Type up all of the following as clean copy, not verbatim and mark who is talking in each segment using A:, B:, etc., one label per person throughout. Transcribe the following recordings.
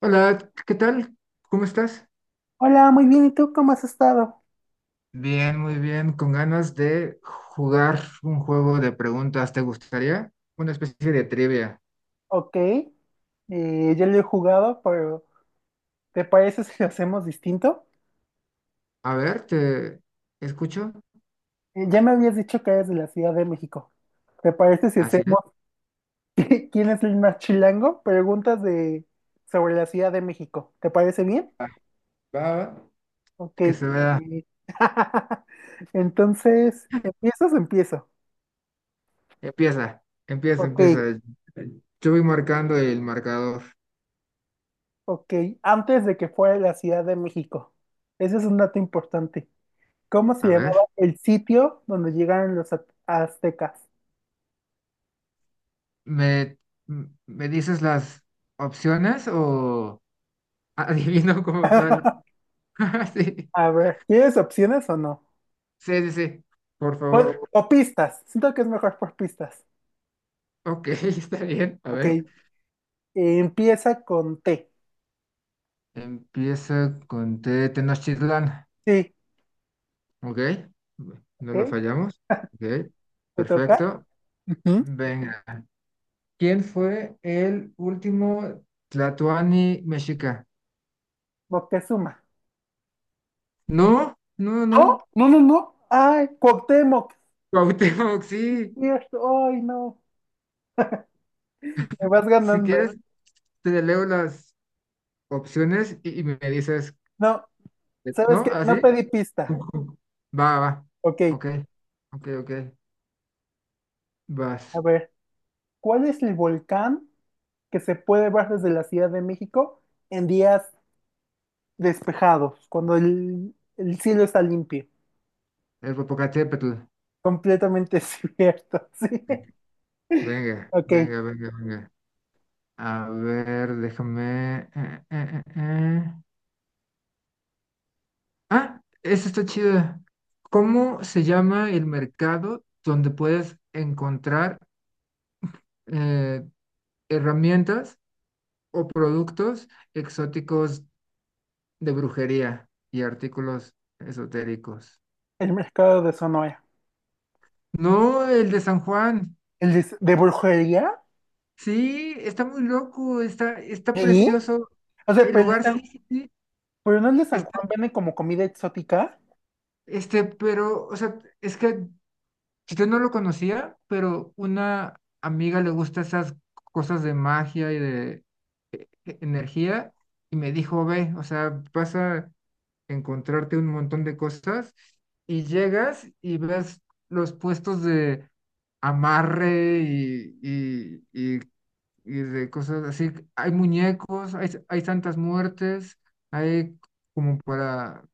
A: Hola, ¿qué tal? ¿Cómo estás?
B: Hola, muy bien. ¿Y tú cómo has estado?
A: Bien, muy bien, con ganas de jugar un juego de preguntas. ¿Te gustaría? Una especie de trivia.
B: Ok, ya lo he jugado, pero ¿te parece si lo hacemos distinto?
A: A ver, te escucho.
B: Ya me habías dicho que eres de la Ciudad de México. ¿Te parece si
A: Así
B: hacemos
A: es.
B: quién es el más chilango? Preguntas de sobre la Ciudad de México. ¿Te parece bien?
A: Va, va, va.
B: Ok.
A: Que se vea.
B: Entonces, ¿empiezas o empiezo?
A: Empieza, empieza,
B: Ok,
A: empieza. Yo voy marcando el marcador.
B: ok. Antes de que fuera la Ciudad de México. Ese es un dato importante. ¿Cómo se
A: A ver,
B: llamaba el sitio donde llegaron los aztecas?
A: ¿me, me dices las opciones o ¿adivino como tal? Sí,
B: A ver, ¿tienes opciones o no?
A: sí, sí, sí. Por favor.
B: O pistas. Siento que es mejor por pistas.
A: Ok, está bien. A
B: Ok.
A: ver.
B: Empieza con T.
A: Empieza con T de Tenochtitlán,
B: Sí.
A: ¿ok?
B: Ok.
A: No la fallamos, ¿ok?
B: ¿Te toca?
A: Perfecto.
B: Ujú.
A: Venga. ¿Quién fue el último Tlatoani mexica?
B: Moctezuma.
A: No, no, no.
B: No, no, no, no. Ay, Cuauhtémoc.
A: Cuauhtémoc, sí.
B: Cierto. Ay, no. Me vas
A: Si
B: ganando.
A: quieres, te leo las opciones y me dices,
B: No, ¿sabes
A: ¿no?
B: qué? No
A: ¿Así?
B: pedí pista.
A: Ujú. Va, va.
B: Ok.
A: Ok, ok, ok.
B: A
A: Vas.
B: ver, ¿cuál es el volcán que se puede ver desde la Ciudad de México en días despejados, cuando el cielo está limpio?
A: El Popocatépetl.
B: Completamente cierto, sí.
A: Venga,
B: Ok,
A: venga, venga, venga. A ver, déjame. Ah, esta está chida. ¿Cómo se llama el mercado donde puedes encontrar eh, herramientas o productos exóticos de brujería y artículos esotéricos?
B: el mercado de Sonora.
A: No, el de San Juan.
B: ¿El de brujería?
A: Sí, está muy loco, está, está
B: Sí.
A: precioso.
B: O sea,
A: El
B: pero, el de
A: lugar sí,
B: San-
A: sí, sí,
B: pero no el de San
A: está,
B: Juan vende como comida exótica.
A: pero, o sea, es que pues, yo no lo conocía, pero una amiga le gusta esas cosas de magia y de energía y me dijo, ve, o sea, vas a encontrarte un montón de cosas y llegas y ves los puestos de amarre y de cosas así. Hay muñecos, hay santas muertes, hay como para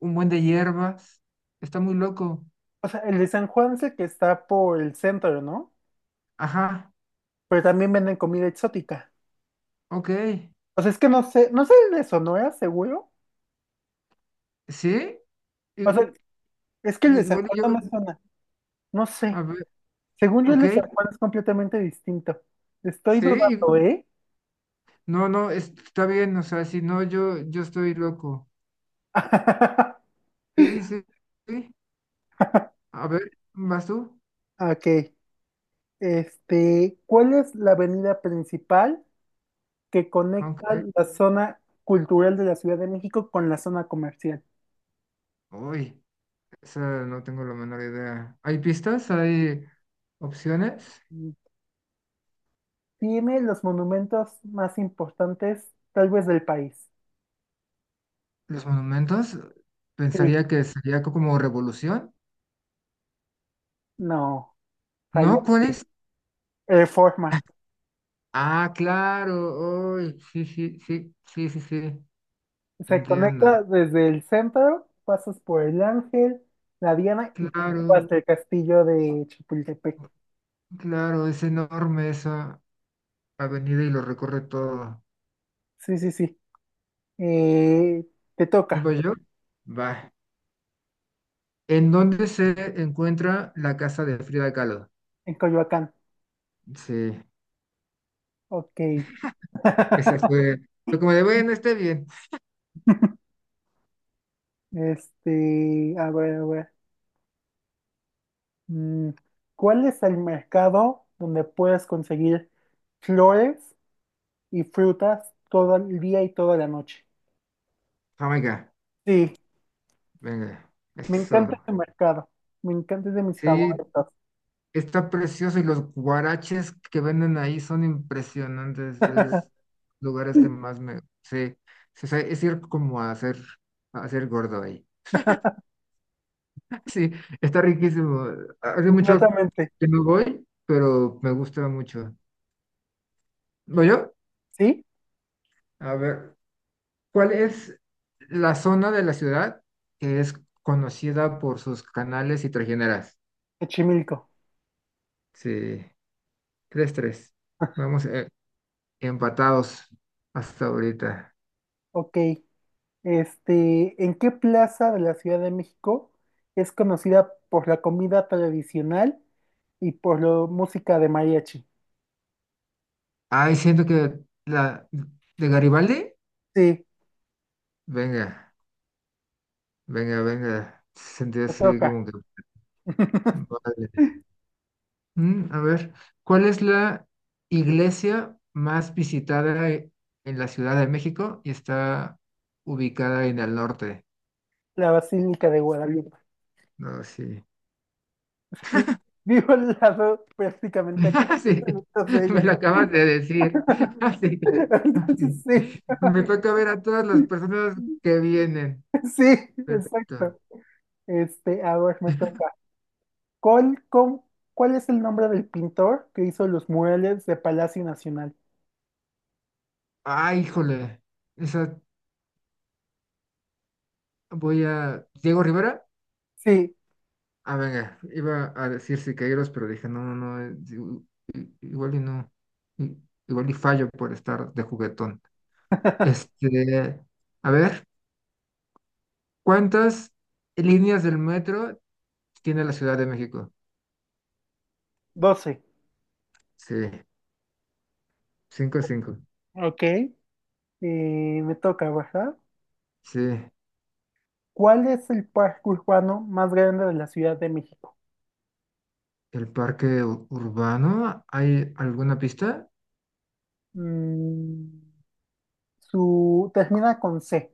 A: un buen de hierbas. Está muy loco.
B: O sea, el de San Juan es el que está por el centro, ¿no?
A: Ajá,
B: Pero también venden comida exótica.
A: ok.
B: O sea, es que no sé el de Sonora, seguro.
A: Sí,
B: O
A: y-
B: sea, es que el
A: y
B: de San
A: igual
B: Juan
A: y
B: no
A: bueno,
B: me
A: yo,
B: suena. No sé.
A: a ver,
B: Según yo, el
A: ok,
B: de San Juan es completamente distinto. Estoy
A: sí,
B: dudando, ¿eh?
A: no, no, está bien, o sea, si no, yo estoy loco. Sí, sí, sí, a ver, ¿vas tú?
B: Ok, este, ¿cuál es la avenida principal que
A: Ok,
B: conecta la zona cultural de la Ciudad de México con la zona comercial?
A: uy, esa no tengo la menor idea. ¿Hay pistas? ¿Hay opciones?
B: Mm, tiene los monumentos más importantes, tal vez del país.
A: ¿Los monumentos?
B: Sí,
A: Pensaría que sería como revolución,
B: no,
A: ¿no? ¿Cuál
B: fallaste.
A: es?
B: Reforma.
A: Ah, claro, uy, sí, sí, sí, sí, sí, sí,
B: Se
A: entiendo.
B: conecta desde el centro, pasas por el Ángel, la Diana y te lleva
A: Claro,
B: hasta el castillo de Chapultepec.
A: claro, es enorme esa avenida y lo recorre todo.
B: Sí, sí, sí. Eh, te toca
A: ¿Nueva York? Va. ¿En dónde se encuentra la casa de Frida Kahlo?
B: en Coyoacán.
A: Sí,
B: Ok.
A: esa fue. Fue como de, bueno, esté bien.
B: Este, a ver, a ver. mm, ¿Cuál es el mercado donde puedes conseguir flores y frutas todo el día y toda la noche?
A: Jamaica,
B: Sí,
A: venga.
B: me encanta
A: Eso.
B: ese mercado. Me encanta, es de mis
A: Sí,
B: favoritos.
A: está precioso y los guaraches que venden ahí son impresionantes. Es lugares que más me. Sí, sí, o sea, es ir como a hacer gordo ahí. Sí, está riquísimo. Hace mucho
B: Completamente.
A: que no voy, pero me gusta mucho. ¿Voy yo?
B: ¿Sí?
A: A ver, ¿cuál es la zona de la ciudad que es conocida por sus canales y trajineras?
B: Xochimilco.
A: Sí, tres, tres. Vamos empatados hasta ahorita.
B: Ok. Este, ¿en qué plaza de la Ciudad de México es conocida por la comida tradicional y por la música de mariachi?
A: Ay, siento que la de Garibaldi,
B: Sí,
A: venga, venga, venga. Sentí
B: te
A: así
B: toca.
A: como que... vale. Mm, a ver, ¿cuál es la iglesia más visitada en la Ciudad de México y está ubicada en el norte?
B: La Basílica de Guadalupe.
A: No, sí.
B: Sí, vivo al lado prácticamente como
A: Ah,
B: a
A: sí,
B: 15 minutos de
A: me
B: ella.
A: lo acabas de decir. Ah, sí. Ah,
B: Entonces,
A: sí.
B: sí,
A: Me toca ver a todas las personas que vienen.
B: sí,
A: Perfecto.
B: exacto. Este, a ver, me toca. ¿Cuál, cómo- Cuál es el nombre del pintor que hizo los murales de Palacio Nacional?
A: Ah, híjole. Esa voy a... ¿Diego Rivera?
B: Sí,
A: Ah, venga, iba a decir Siqueiros, pero dije, no, no, no, digo, igual y no, i- igual y fallo por estar de juguetón. Este, a ver, ¿cuántas líneas del metro tiene la Ciudad de México?
B: doce.
A: Sí, cinco, cinco.
B: Ok. Me toca, ¿verdad?
A: Sí,
B: ¿Cuál es el parque urbano más grande de la Ciudad de México?
A: el parque urbano, ¿hay alguna pista?
B: Mm, su termina con C.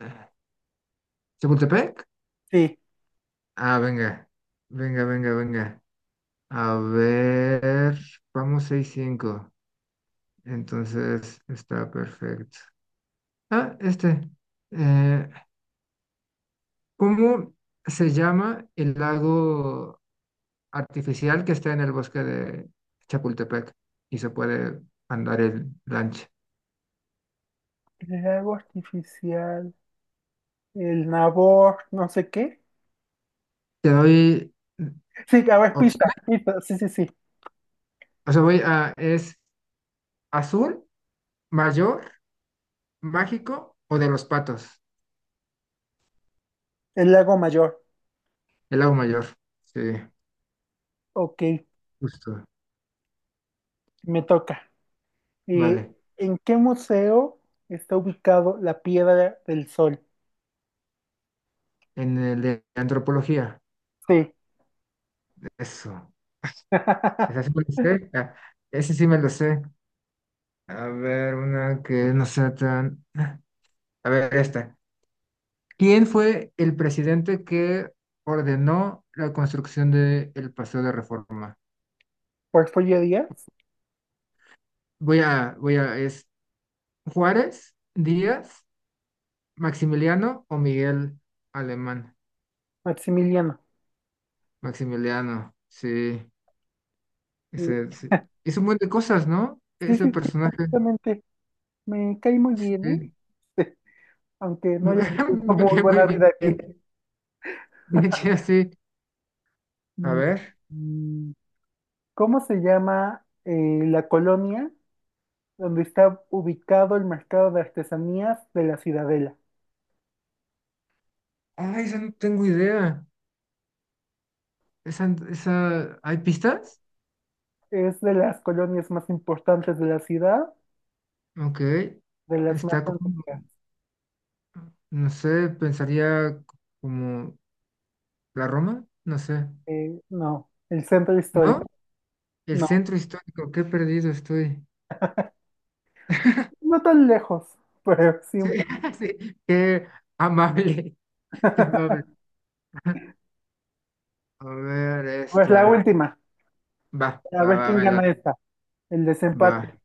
A: Eh, ¿Chapultepec?
B: Sí.
A: Ah, venga, venga, venga, venga. A ver, vamos seis, cinco. Entonces está perfecto. Ah, este. eh, ¿Cómo se llama el lago artificial que está en el bosque de Chapultepec y se puede andar en lancha?
B: El lago artificial. El Nabor, no sé qué.
A: Te doy
B: Sí, a ver, pista,
A: opciones.
B: pista, sí, sí, sí.
A: O sea, voy a, es azul, mayor, mágico o de los patos.
B: El Lago Mayor.
A: El lago mayor. Sí,
B: Ok,
A: justo.
B: me toca. Eh,
A: Vale.
B: ¿En qué museo está ubicado la Piedra del Sol?
A: En el de antropología.
B: Sí.
A: Eso. Esa sí me lo sé. Ah, ese sí me lo sé. A ver, una que no sea tan. A ver, esta. ¿Quién fue el presidente que ordenó la construcción del Paseo de Reforma?
B: Porfirio Díaz,
A: Voy a, voy a, es Juárez, Díaz, Maximiliano o Miguel Alemán.
B: Maximiliano.
A: Maximiliano, sí. Ese,
B: Sí,
A: sí. Hizo un buen de cosas, ¿no?
B: sí, sí,
A: Ese personaje.
B: exactamente. Me cae muy bien,
A: Sí.
B: ¿eh? Sí, aunque no haya tenido
A: Me
B: muy
A: quedé muy
B: buena vida aquí.
A: bien. Bien chido, sí. A
B: Mm,
A: ver.
B: mm, ¿Cómo se llama la colonia donde está ubicado el mercado de artesanías de la Ciudadela?
A: Ay, esa no tengo idea. Esa, ¿hay pistas?
B: Es de las colonias más importantes de la ciudad,
A: Ok.
B: de las más
A: Está como
B: antiguas.
A: no sé, pensaría como la Roma, no sé,
B: No, el centro
A: ¿no?
B: histórico.
A: El
B: No,
A: centro histórico, qué perdido estoy.
B: no tan lejos, pero sí
A: Sí,
B: un poco.
A: sí, qué amable, qué amable. A ver,
B: Pues la
A: esta.
B: última,
A: Va,
B: a
A: va,
B: ver
A: va,
B: quién
A: me
B: gana
A: late.
B: esta, el
A: Va.
B: desempate.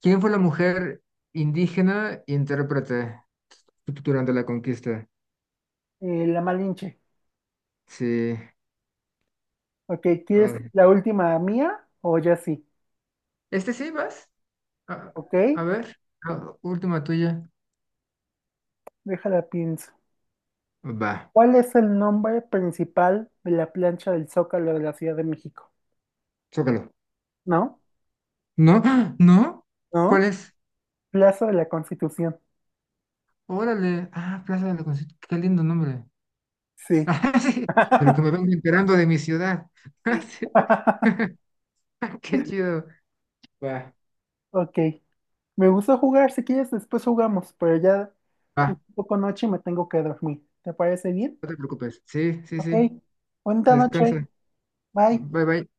A: ¿Quién fue la mujer indígena intérprete durante la conquista?
B: La Malinche.
A: Sí.
B: Ok, ¿quieres
A: Ay.
B: la última mía o ya sí?
A: ¿Este sí vas? A,
B: Ok,
A: a ver, la última tuya.
B: déjala pienso.
A: Va,
B: ¿Cuál es el nombre principal de la plancha del Zócalo de la Ciudad de México?
A: zócalo.
B: ¿No?
A: ¿No? ¡Ah! ¿No? ¿Cuál
B: ¿No?
A: es?
B: Plazo de la Constitución.
A: Órale, ah, Plaza de la Constitución, qué lindo nombre.
B: Sí.
A: Ah, sí, de lo que me vengo enterando de mi ciudad. Ah, sí, qué chido. Va,
B: Ok. Me gusta jugar. Si quieres, después jugamos, pero ya es un
A: va,
B: poco noche y me tengo que dormir. ¿Te parece bien?
A: no te preocupes. Sí, sí,
B: Ok.
A: sí.
B: Buena noche.
A: Descansa.
B: Bye.
A: Bye, bye.